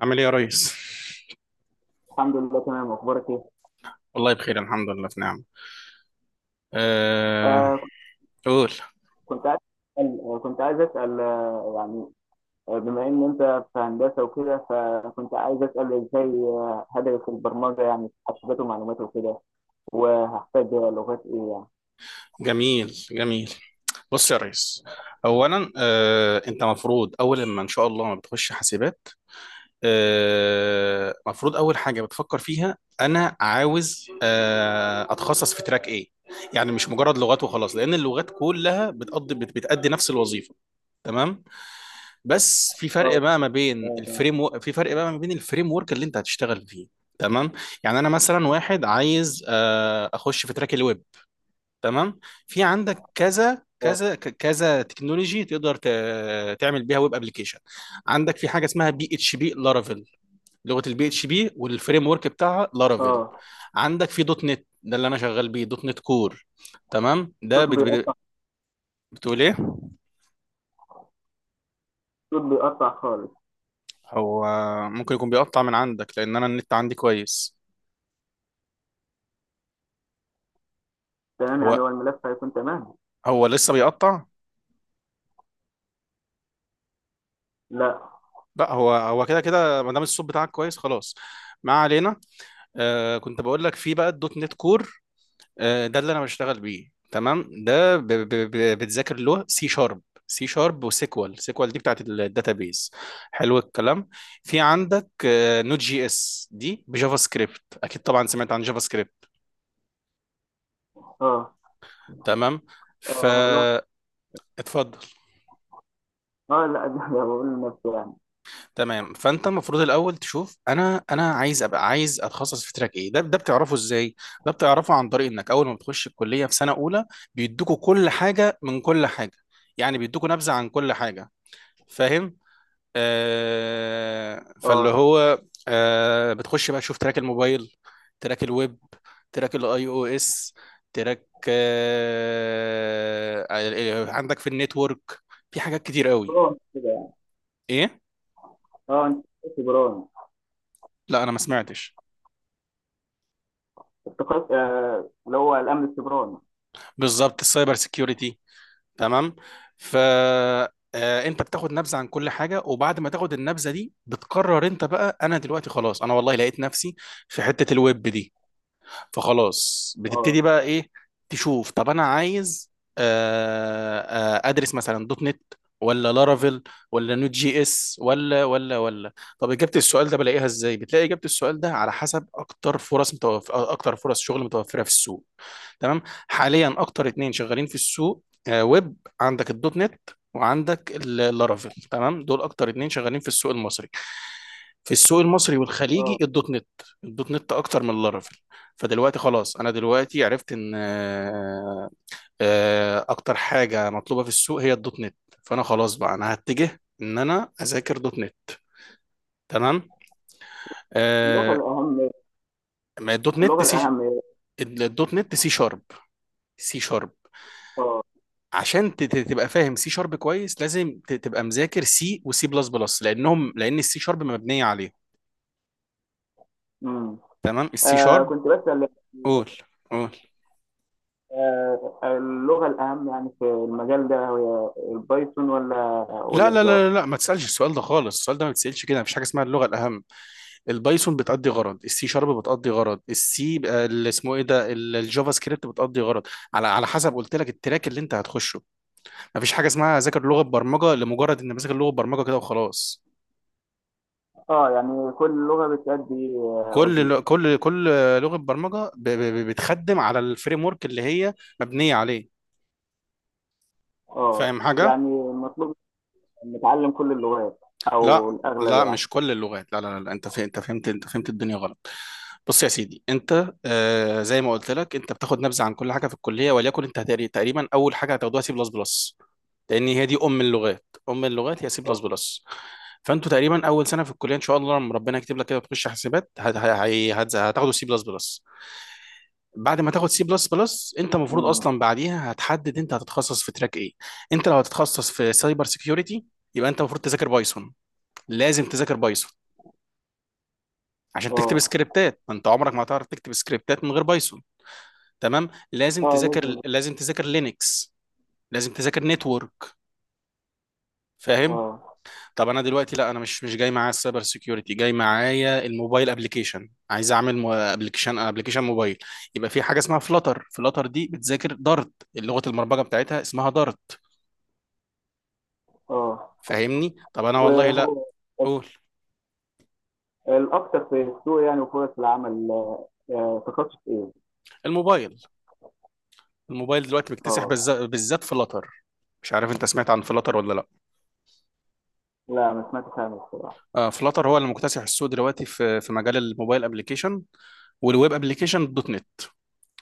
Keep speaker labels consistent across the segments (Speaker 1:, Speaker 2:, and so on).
Speaker 1: عامل ايه يا ريس؟
Speaker 2: الحمد لله، تمام. اخبارك ايه؟
Speaker 1: والله بخير، الحمد لله في نعمة. أه...
Speaker 2: آه
Speaker 1: قول.
Speaker 2: كنت عايز كنت عايز اسال يعني بما ان انت في هندسه وكده، فكنت عايز اسال ازاي هدرس البرمجه يعني في حاسبات ومعلومات وكده. وهحتاج لغات ايه يعني؟
Speaker 1: جميل جميل. بص يا ريس، أولا أنت مفروض أول ما إن شاء الله ما بتخش حاسبات مفروض أول حاجة بتفكر فيها أنا عاوز أتخصص في تراك إيه؟ يعني مش مجرد لغات وخلاص، لأن اللغات كلها بتقضي بتأدي نفس الوظيفة. تمام، بس في
Speaker 2: اه،
Speaker 1: فرق بقى ما بين
Speaker 2: اه، تمام.
Speaker 1: الفريم في فرق بقى ما بين الفريم ورك اللي انت هتشتغل فيه. تمام، يعني انا مثلا واحد عايز اخش في تراك الويب. تمام، في عندك كذا
Speaker 2: اه،
Speaker 1: كذا كذا تكنولوجي تقدر تعمل بيها ويب ابلكيشن. عندك في حاجه اسمها بي اتش بي لارافيل، لغه البي اتش بي والفريم ورك بتاعها لارافيل.
Speaker 2: اه،
Speaker 1: عندك في دوت نت، ده اللي انا شغال بيه، دوت نت كور. تمام، ده
Speaker 2: الصوت بيقطع.
Speaker 1: بتقول ايه؟
Speaker 2: الصوت بيقطع خالص.
Speaker 1: هو ممكن يكون بيقطع من عندك لان انا النت عندي كويس.
Speaker 2: تمام، يعني
Speaker 1: هو
Speaker 2: هو الملف هيكون تمام.
Speaker 1: هو لسه بيقطع.
Speaker 2: لا.
Speaker 1: لا، هو كده كده ما دام الصوت بتاعك كويس، خلاص. ما علينا. كنت بقول لك في بقى الدوت نت كور. ده اللي انا بشتغل بيه، تمام. ده ب ب ب بتذاكر له سي شارب، سي شارب وسيكوال، سيكوال دي بتاعت الداتابيز. حلو الكلام. في عندك نوت جي اس دي بجافا سكريبت، اكيد طبعا سمعت عن جافا سكريبت.
Speaker 2: اه،
Speaker 1: تمام،
Speaker 2: اه،
Speaker 1: فاتفضل.
Speaker 2: اه، لا، ده بقول لنفسي يعني.
Speaker 1: تمام، فانت المفروض الاول تشوف، انا عايز ابقى عايز اتخصص في تراك ايه؟ ده بتعرفه ازاي؟ ده بتعرفه عن طريق انك اول ما بتخش الكليه في سنه اولى بيدوكوا كل حاجه من كل حاجه. يعني بيدوكوا نبذه عن كل حاجه. فاهم؟
Speaker 2: اه،
Speaker 1: فاللي هو بتخش بقى تشوف تراك الموبايل، تراك الويب، تراك الاي او اس، تراك، عندك في النتورك، في حاجات كتير قوي.
Speaker 2: بران كده يعني.
Speaker 1: ايه؟
Speaker 2: اه، انت سيبراني.
Speaker 1: لا انا ما سمعتش.
Speaker 2: التقاط اللي هو الامن السيبراني.
Speaker 1: بالظبط، السايبر سيكيورتي. تمام، فانت بتاخد نبذه عن كل حاجه، وبعد ما تاخد النبذه دي بتقرر انت بقى انا دلوقتي خلاص، انا والله لقيت نفسي في حته الويب دي. فخلاص
Speaker 2: اه،
Speaker 1: بتبتدي بقى ايه؟ تشوف، طب انا عايز ادرس مثلا دوت نت، ولا لارافيل، ولا نوت جي اس، ولا. طب اجابه السؤال ده بلاقيها ازاي؟ بتلاقي اجابه السؤال ده على حسب اكتر فرص اكتر فرص شغل متوفره في السوق. تمام، حاليا اكتر اتنين شغالين في السوق، ويب، عندك الدوت نت وعندك اللارافيل. تمام، دول اكتر اتنين شغالين في السوق المصري. في السوق المصري
Speaker 2: اه،
Speaker 1: والخليجي، الدوت نت، الدوت نت اكتر من اللارافيل. فدلوقتي خلاص، انا دلوقتي عرفت ان اكتر حاجه مطلوبه في السوق هي الدوت نت. فانا خلاص بقى انا هتجه ان انا اذاكر دوت نت. تمام.
Speaker 2: اللغة
Speaker 1: آه،
Speaker 2: الأهم.
Speaker 1: ما الدوت
Speaker 2: اللغة
Speaker 1: نت سي،
Speaker 2: الأهم.
Speaker 1: الدوت نت سي شارب، سي شارب.
Speaker 2: اه.
Speaker 1: عشان تبقى فاهم سي شارب كويس لازم تبقى مذاكر سي وسي بلس بلس، لان السي شارب مبنيه عليه.
Speaker 2: امم.
Speaker 1: تمام، السي
Speaker 2: آه،
Speaker 1: شارب.
Speaker 2: كنت بسأل.
Speaker 1: قول قول.
Speaker 2: آه، اللغة الأهم يعني في المجال ده هي البايثون ولا
Speaker 1: لا لا
Speaker 2: الجافا؟
Speaker 1: لا لا لا، ما تسالش السؤال ده خالص، السؤال ده ما بتسالش كده، مفيش حاجه اسمها اللغه الاهم. البايثون بتأدي غرض، السي شارب بتأدي غرض، السي بقى اللي اسمه ايه ده الجافا سكريبت بتأدي غرض، على حسب قلت لك التراك اللي انت هتخشه. مفيش حاجه اسمها ذاكر لغه برمجه لمجرد ان بذاكر لغه برمجه كده وخلاص.
Speaker 2: اه، يعني كل لغة بتأدي
Speaker 1: كل
Speaker 2: وظيفة.
Speaker 1: ل- كل كل لغه برمجه بتخدم على الفريم ورك اللي هي مبنيه عليه.
Speaker 2: اه،
Speaker 1: فاهم حاجه؟
Speaker 2: يعني المطلوب نتعلم كل اللغات، أو
Speaker 1: لا
Speaker 2: الأغلب
Speaker 1: لا،
Speaker 2: يعني؟
Speaker 1: مش كل اللغات، لا لا لا، انت فهمت انت فهمت انت فهمت الدنيا غلط. بص يا سيدي، انت زي ما قلت لك، انت بتاخد نبذه عن كل حاجه في الكليه، وليكن انت تقريبا اول حاجه هتاخدوها سي بلس بلس، لان هي دي ام اللغات، ام اللغات هي سي
Speaker 2: اه.
Speaker 1: بلس بلس. فانتوا تقريبا اول سنه في الكليه ان شاء الله لما ربنا يكتب لك كده وتخش حاسبات هتاخدوا سي بلس بلس. بعد ما تاخد سي بلس بلس انت المفروض
Speaker 2: امم.
Speaker 1: اصلا بعديها هتحدد انت هتتخصص في تراك ايه. انت لو هتتخصص في سايبر سيكيورتي يبقى انت المفروض تذاكر بايثون، لازم تذاكر بايثون عشان تكتب
Speaker 2: اه.
Speaker 1: سكريبتات، ما انت عمرك ما هتعرف تكتب سكريبتات من غير بايثون. تمام،
Speaker 2: اه، لازم.
Speaker 1: لازم تذاكر لينكس، لازم تذاكر نتورك. فاهم؟
Speaker 2: اه.
Speaker 1: طب انا دلوقتي لا انا مش جاي معايا السايبر سيكيورتي، جاي معايا الموبايل ابلكيشن، عايز اعمل ابلكيشن موبايل. يبقى في حاجه اسمها فلاتر. فلاتر دي بتذاكر دارت، لغه البرمجه بتاعتها اسمها دارت.
Speaker 2: اه.
Speaker 1: فاهمني؟ طب انا والله
Speaker 2: وهو
Speaker 1: لا. قول.
Speaker 2: الأكثر في السوق يعني، وفرص العمل تخصص إيه؟
Speaker 1: الموبايل. الموبايل دلوقتي مكتسح
Speaker 2: اه،
Speaker 1: بالذات فلاتر. مش عارف انت سمعت عن فلاتر ولا لا.
Speaker 2: لا، ما سمعتش عنه الصراحة.
Speaker 1: فلاتر هو اللي مكتسح السوق دلوقتي في مجال الموبايل ابلكيشن والويب ابلكيشن. الدوت نت،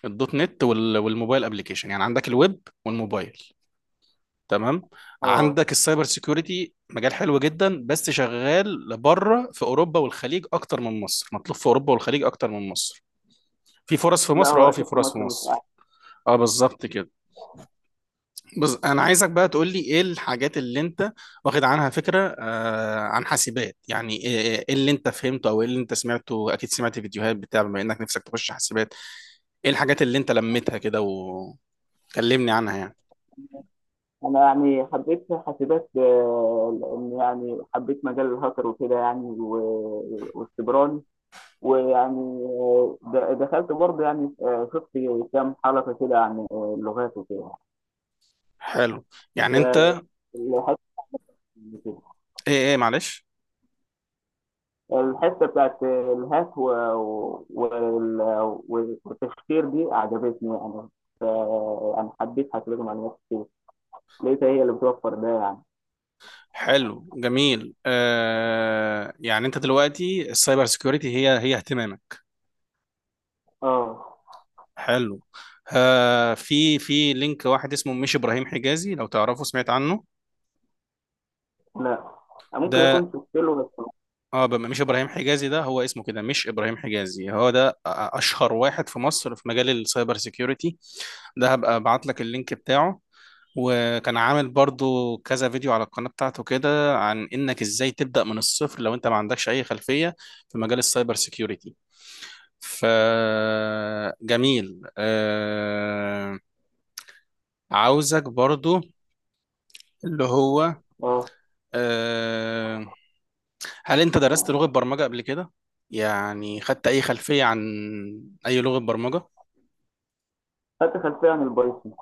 Speaker 1: الدوت نت والموبايل ابلكيشن، يعني عندك الويب والموبايل. تمام.
Speaker 2: اه،
Speaker 1: عندك السايبر سيكيورتي، مجال حلو جدا بس شغال لبره، في اوروبا والخليج اكتر من مصر، مطلوب في اوروبا والخليج اكتر من مصر. في فرص في
Speaker 2: لا،
Speaker 1: مصر،
Speaker 2: هو
Speaker 1: في
Speaker 2: اكيد في
Speaker 1: فرص في
Speaker 2: مصر مش احسن.
Speaker 1: مصر. اه، بالظبط كده. انا عايزك بقى تقول لي، ايه الحاجات اللي انت واخد عنها فكره عن حاسبات؟ يعني ايه إيه اللي انت فهمته او ايه اللي انت سمعته، اكيد سمعت فيديوهات بتاع، بما انك نفسك تخش حاسبات. ايه الحاجات اللي انت لميتها كده وكلمني عنها يعني.
Speaker 2: انا يعني حبيت حاسبات لان يعني حبيت مجال الهاكر وكده يعني، والسيبراني. ويعني آه، د- دخلت برضه يعني، شفت كام حلقة كده عن اللغات وكده.
Speaker 1: حلو. يعني انت،
Speaker 2: فالحتة كده.
Speaker 1: ايه معلش.
Speaker 2: الحتة بتاعت الهاك والتفكير دي عجبتني يعني. ف- يعني حبيت حاسبات ومعلومات كتير. لقيتها هي اللي بتوفر ده يعني.
Speaker 1: حلو، جميل، يعني انت دلوقتي السايبر سيكيورتي هي اهتمامك.
Speaker 2: اه،
Speaker 1: حلو. في لينك واحد اسمه مش ابراهيم حجازي، لو تعرفه، سمعت عنه؟
Speaker 2: لا، ممكن
Speaker 1: ده،
Speaker 2: يكون شفت له بس.
Speaker 1: اه مش ابراهيم حجازي ده هو اسمه كده، مش ابراهيم حجازي، هو ده اشهر واحد في مصر في مجال السايبر سيكيورتي. ده هبقى ابعت لك اللينك بتاعه. وكان عامل برضو كذا فيديو على القناة بتاعته كده عن انك ازاي تبدأ من الصفر لو انت ما عندكش اي خلفية في مجال السايبر سيكيورتي. ف جميل. عاوزك برضو اللي هو
Speaker 2: اه،
Speaker 1: آه... هل انت درست لغة برمجة قبل كده؟ يعني خدت اي خلفية عن اي لغة برمجة؟
Speaker 2: خدت خلفيه عن البايثون.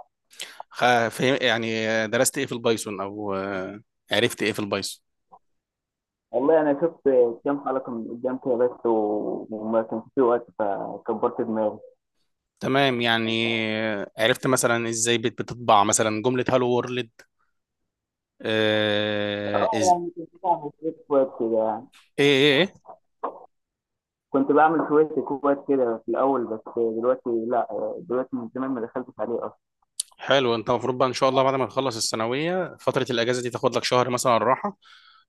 Speaker 1: يعني درست ايه في البايثون او عرفت ايه في البايثون؟
Speaker 2: والله انا شفت كام حلقه من قدام كده بس، وما كانش في وقت فكبرت دماغي.
Speaker 1: تمام، يعني عرفت مثلا ازاي بتطبع مثلا جملة هالو وورلد. آه...
Speaker 2: اه،
Speaker 1: إز...
Speaker 2: يعني كنت بعمل شويه كويس كده يعني.
Speaker 1: ايه ايه إيه؟
Speaker 2: كنت بعمل شويه كويس كده في الاول، بس دلوقتي لا. دلوقتي من زمان ما دخلتش عليه اصلا.
Speaker 1: حلو، انت المفروض بقى ان شاء الله بعد ما تخلص الثانويه فتره الاجازه دي تاخد لك شهر مثلا راحه.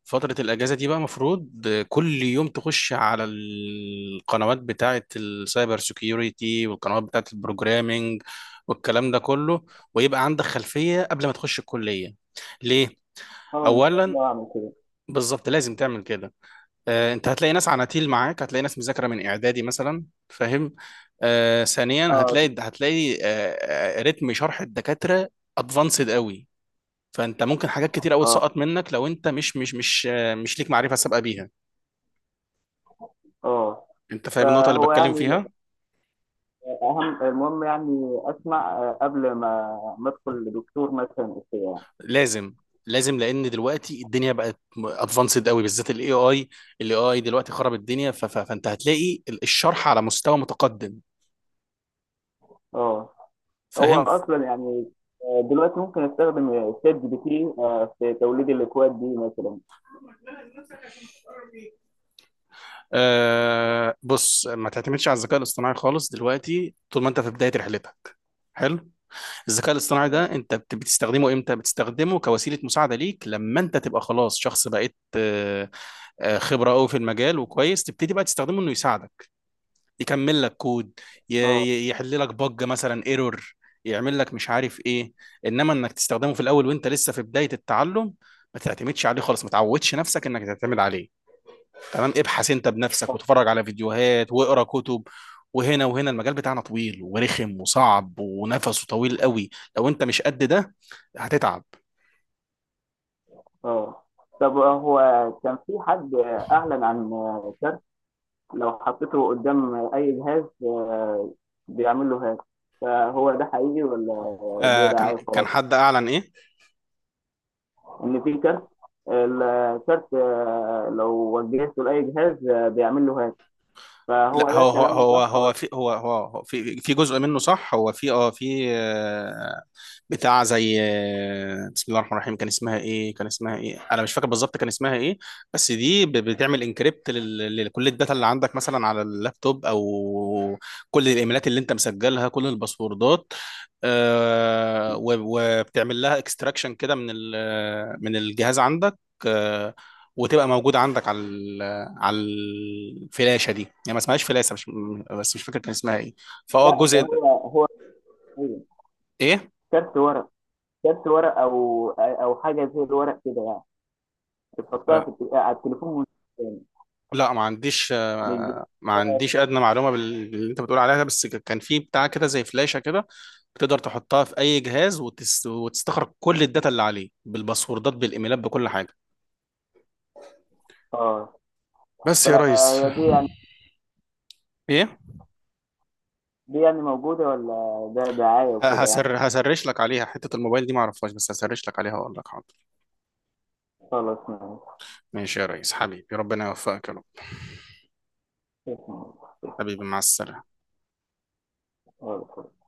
Speaker 1: فتره الاجازه دي بقى المفروض كل يوم تخش على القنوات بتاعه السايبر سيكيورتي والقنوات بتاعه البروجرامينج والكلام ده كله، ويبقى عندك خلفيه قبل ما تخش الكليه. ليه؟
Speaker 2: اه، ان شاء
Speaker 1: اولا،
Speaker 2: الله اعمل كده.
Speaker 1: بالظبط لازم تعمل كده. انت هتلاقي ناس عناتيل معاك، هتلاقي ناس مذاكره من اعدادي مثلا. فاهم؟ ثانيا،
Speaker 2: اه،
Speaker 1: هتلاقي رتم شرح الدكاتره ادفانسد قوي. فانت ممكن حاجات كتير قوي
Speaker 2: اه،
Speaker 1: تسقط منك لو انت مش ليك معرفه سابقه بيها.
Speaker 2: اه،
Speaker 1: انت فاهم النقطه اللي
Speaker 2: فهو
Speaker 1: بتكلم
Speaker 2: يعني
Speaker 1: فيها؟
Speaker 2: اهم المهم يعني اسمع قبل ما ادخل لدكتور مثلا وكده يعني.
Speaker 1: لازم لازم، لان دلوقتي الدنيا بقت ادفانسد قوي، بالذات الاي اي، الاي اي دلوقتي خرب الدنيا. فانت هتلاقي الشرح على مستوى متقدم.
Speaker 2: اه، هو
Speaker 1: فاهم؟
Speaker 2: اصلا يعني، دلوقتي ممكن استخدم شات جي بي تي في توليد الاكواد دي مثلا.
Speaker 1: بص، ما تعتمدش على الذكاء الاصطناعي خالص دلوقتي طول ما انت في بداية رحلتك. حلو. الذكاء الاصطناعي ده انت بتستخدمه امتى؟ بتستخدمه كوسيلة مساعدة ليك لما انت تبقى خلاص شخص بقيت خبرة قوي في المجال وكويس، تبتدي بقى تستخدمه انه يساعدك، يكمل لك كود،
Speaker 2: اه،
Speaker 1: يحل لك بج مثلا، ايرور، يعمل لك مش عارف ايه. انما انك تستخدمه في الاول وانت لسه في بداية التعلم ما تعتمدش عليه خالص، ما تعودش نفسك انك تعتمد عليه. تمام، ابحث انت بنفسك وتفرج على فيديوهات واقرا كتب. وهنا المجال بتاعنا طويل ورخم وصعب ونفسه طويل قوي. لو انت مش قد ده هتتعب.
Speaker 2: اه، طب، هو كان في حد اعلن عن كارت، لو حطيته قدام اي جهاز بيعمل له هاك. فهو ده حقيقي ولا دي
Speaker 1: كان
Speaker 2: دعايه
Speaker 1: كان
Speaker 2: خلاص؟
Speaker 1: حد اعلن ايه؟
Speaker 2: ان في كارت. الكارت لو وجهته لاي جهاز بيعمل له هاك. فهو
Speaker 1: لا،
Speaker 2: ده
Speaker 1: هو
Speaker 2: كلام
Speaker 1: هو هو
Speaker 2: صح
Speaker 1: هو
Speaker 2: ولا؟
Speaker 1: في، هو في جزء منه صح، هو في بتاع زي بسم الله الرحمن الرحيم، كان اسمها ايه، كان اسمها ايه، انا مش فاكر بالظبط كان اسمها ايه. بس دي بتعمل انكريبت لكل الداتا اللي عندك مثلا على اللابتوب او كل الايميلات اللي انت مسجلها، كل الباسوردات، وبتعمل لها اكستراكشن كده من من الجهاز عندك. آه، وتبقى موجوده عندك على على الفلاشه دي، يعني ما اسمهاش فلاشه مش. بس مش فاكر كان اسمها ايه.
Speaker 2: لا، ده
Speaker 1: الجزء ده-.
Speaker 2: هو
Speaker 1: ايه؟
Speaker 2: كارت ورق. جبت ورق او حاجه زي الورق كده يعني. بتحطها
Speaker 1: آه،
Speaker 2: على التليفون. مش
Speaker 1: لا ما عنديش،
Speaker 2: مش بت-
Speaker 1: ما عنديش ادنى معلومه باللي انت بتقول عليها ده، بس كان في بتاع كده زي فلاشه كده، بتقدر تحطها في اي جهاز وتستخرج كل الداتا اللي عليه بالباسوردات بالايميلات بكل حاجه،
Speaker 2: اه،
Speaker 1: بس يا ريس.
Speaker 2: فهي دي يعني
Speaker 1: ايه؟
Speaker 2: دي يعني موجوده، ولا ده دعايه وكده يعني؟
Speaker 1: هسرش لك عليها حتة الموبايل دي ما اعرفهاش، بس هسرش لك عليها واقول لك، حاضر.
Speaker 2: خلاص، ماشي.
Speaker 1: ماشي يا ريس حبيبي، ربنا يوفقك يا رب. حبيبي، مع السلامة.
Speaker 2: خلاص.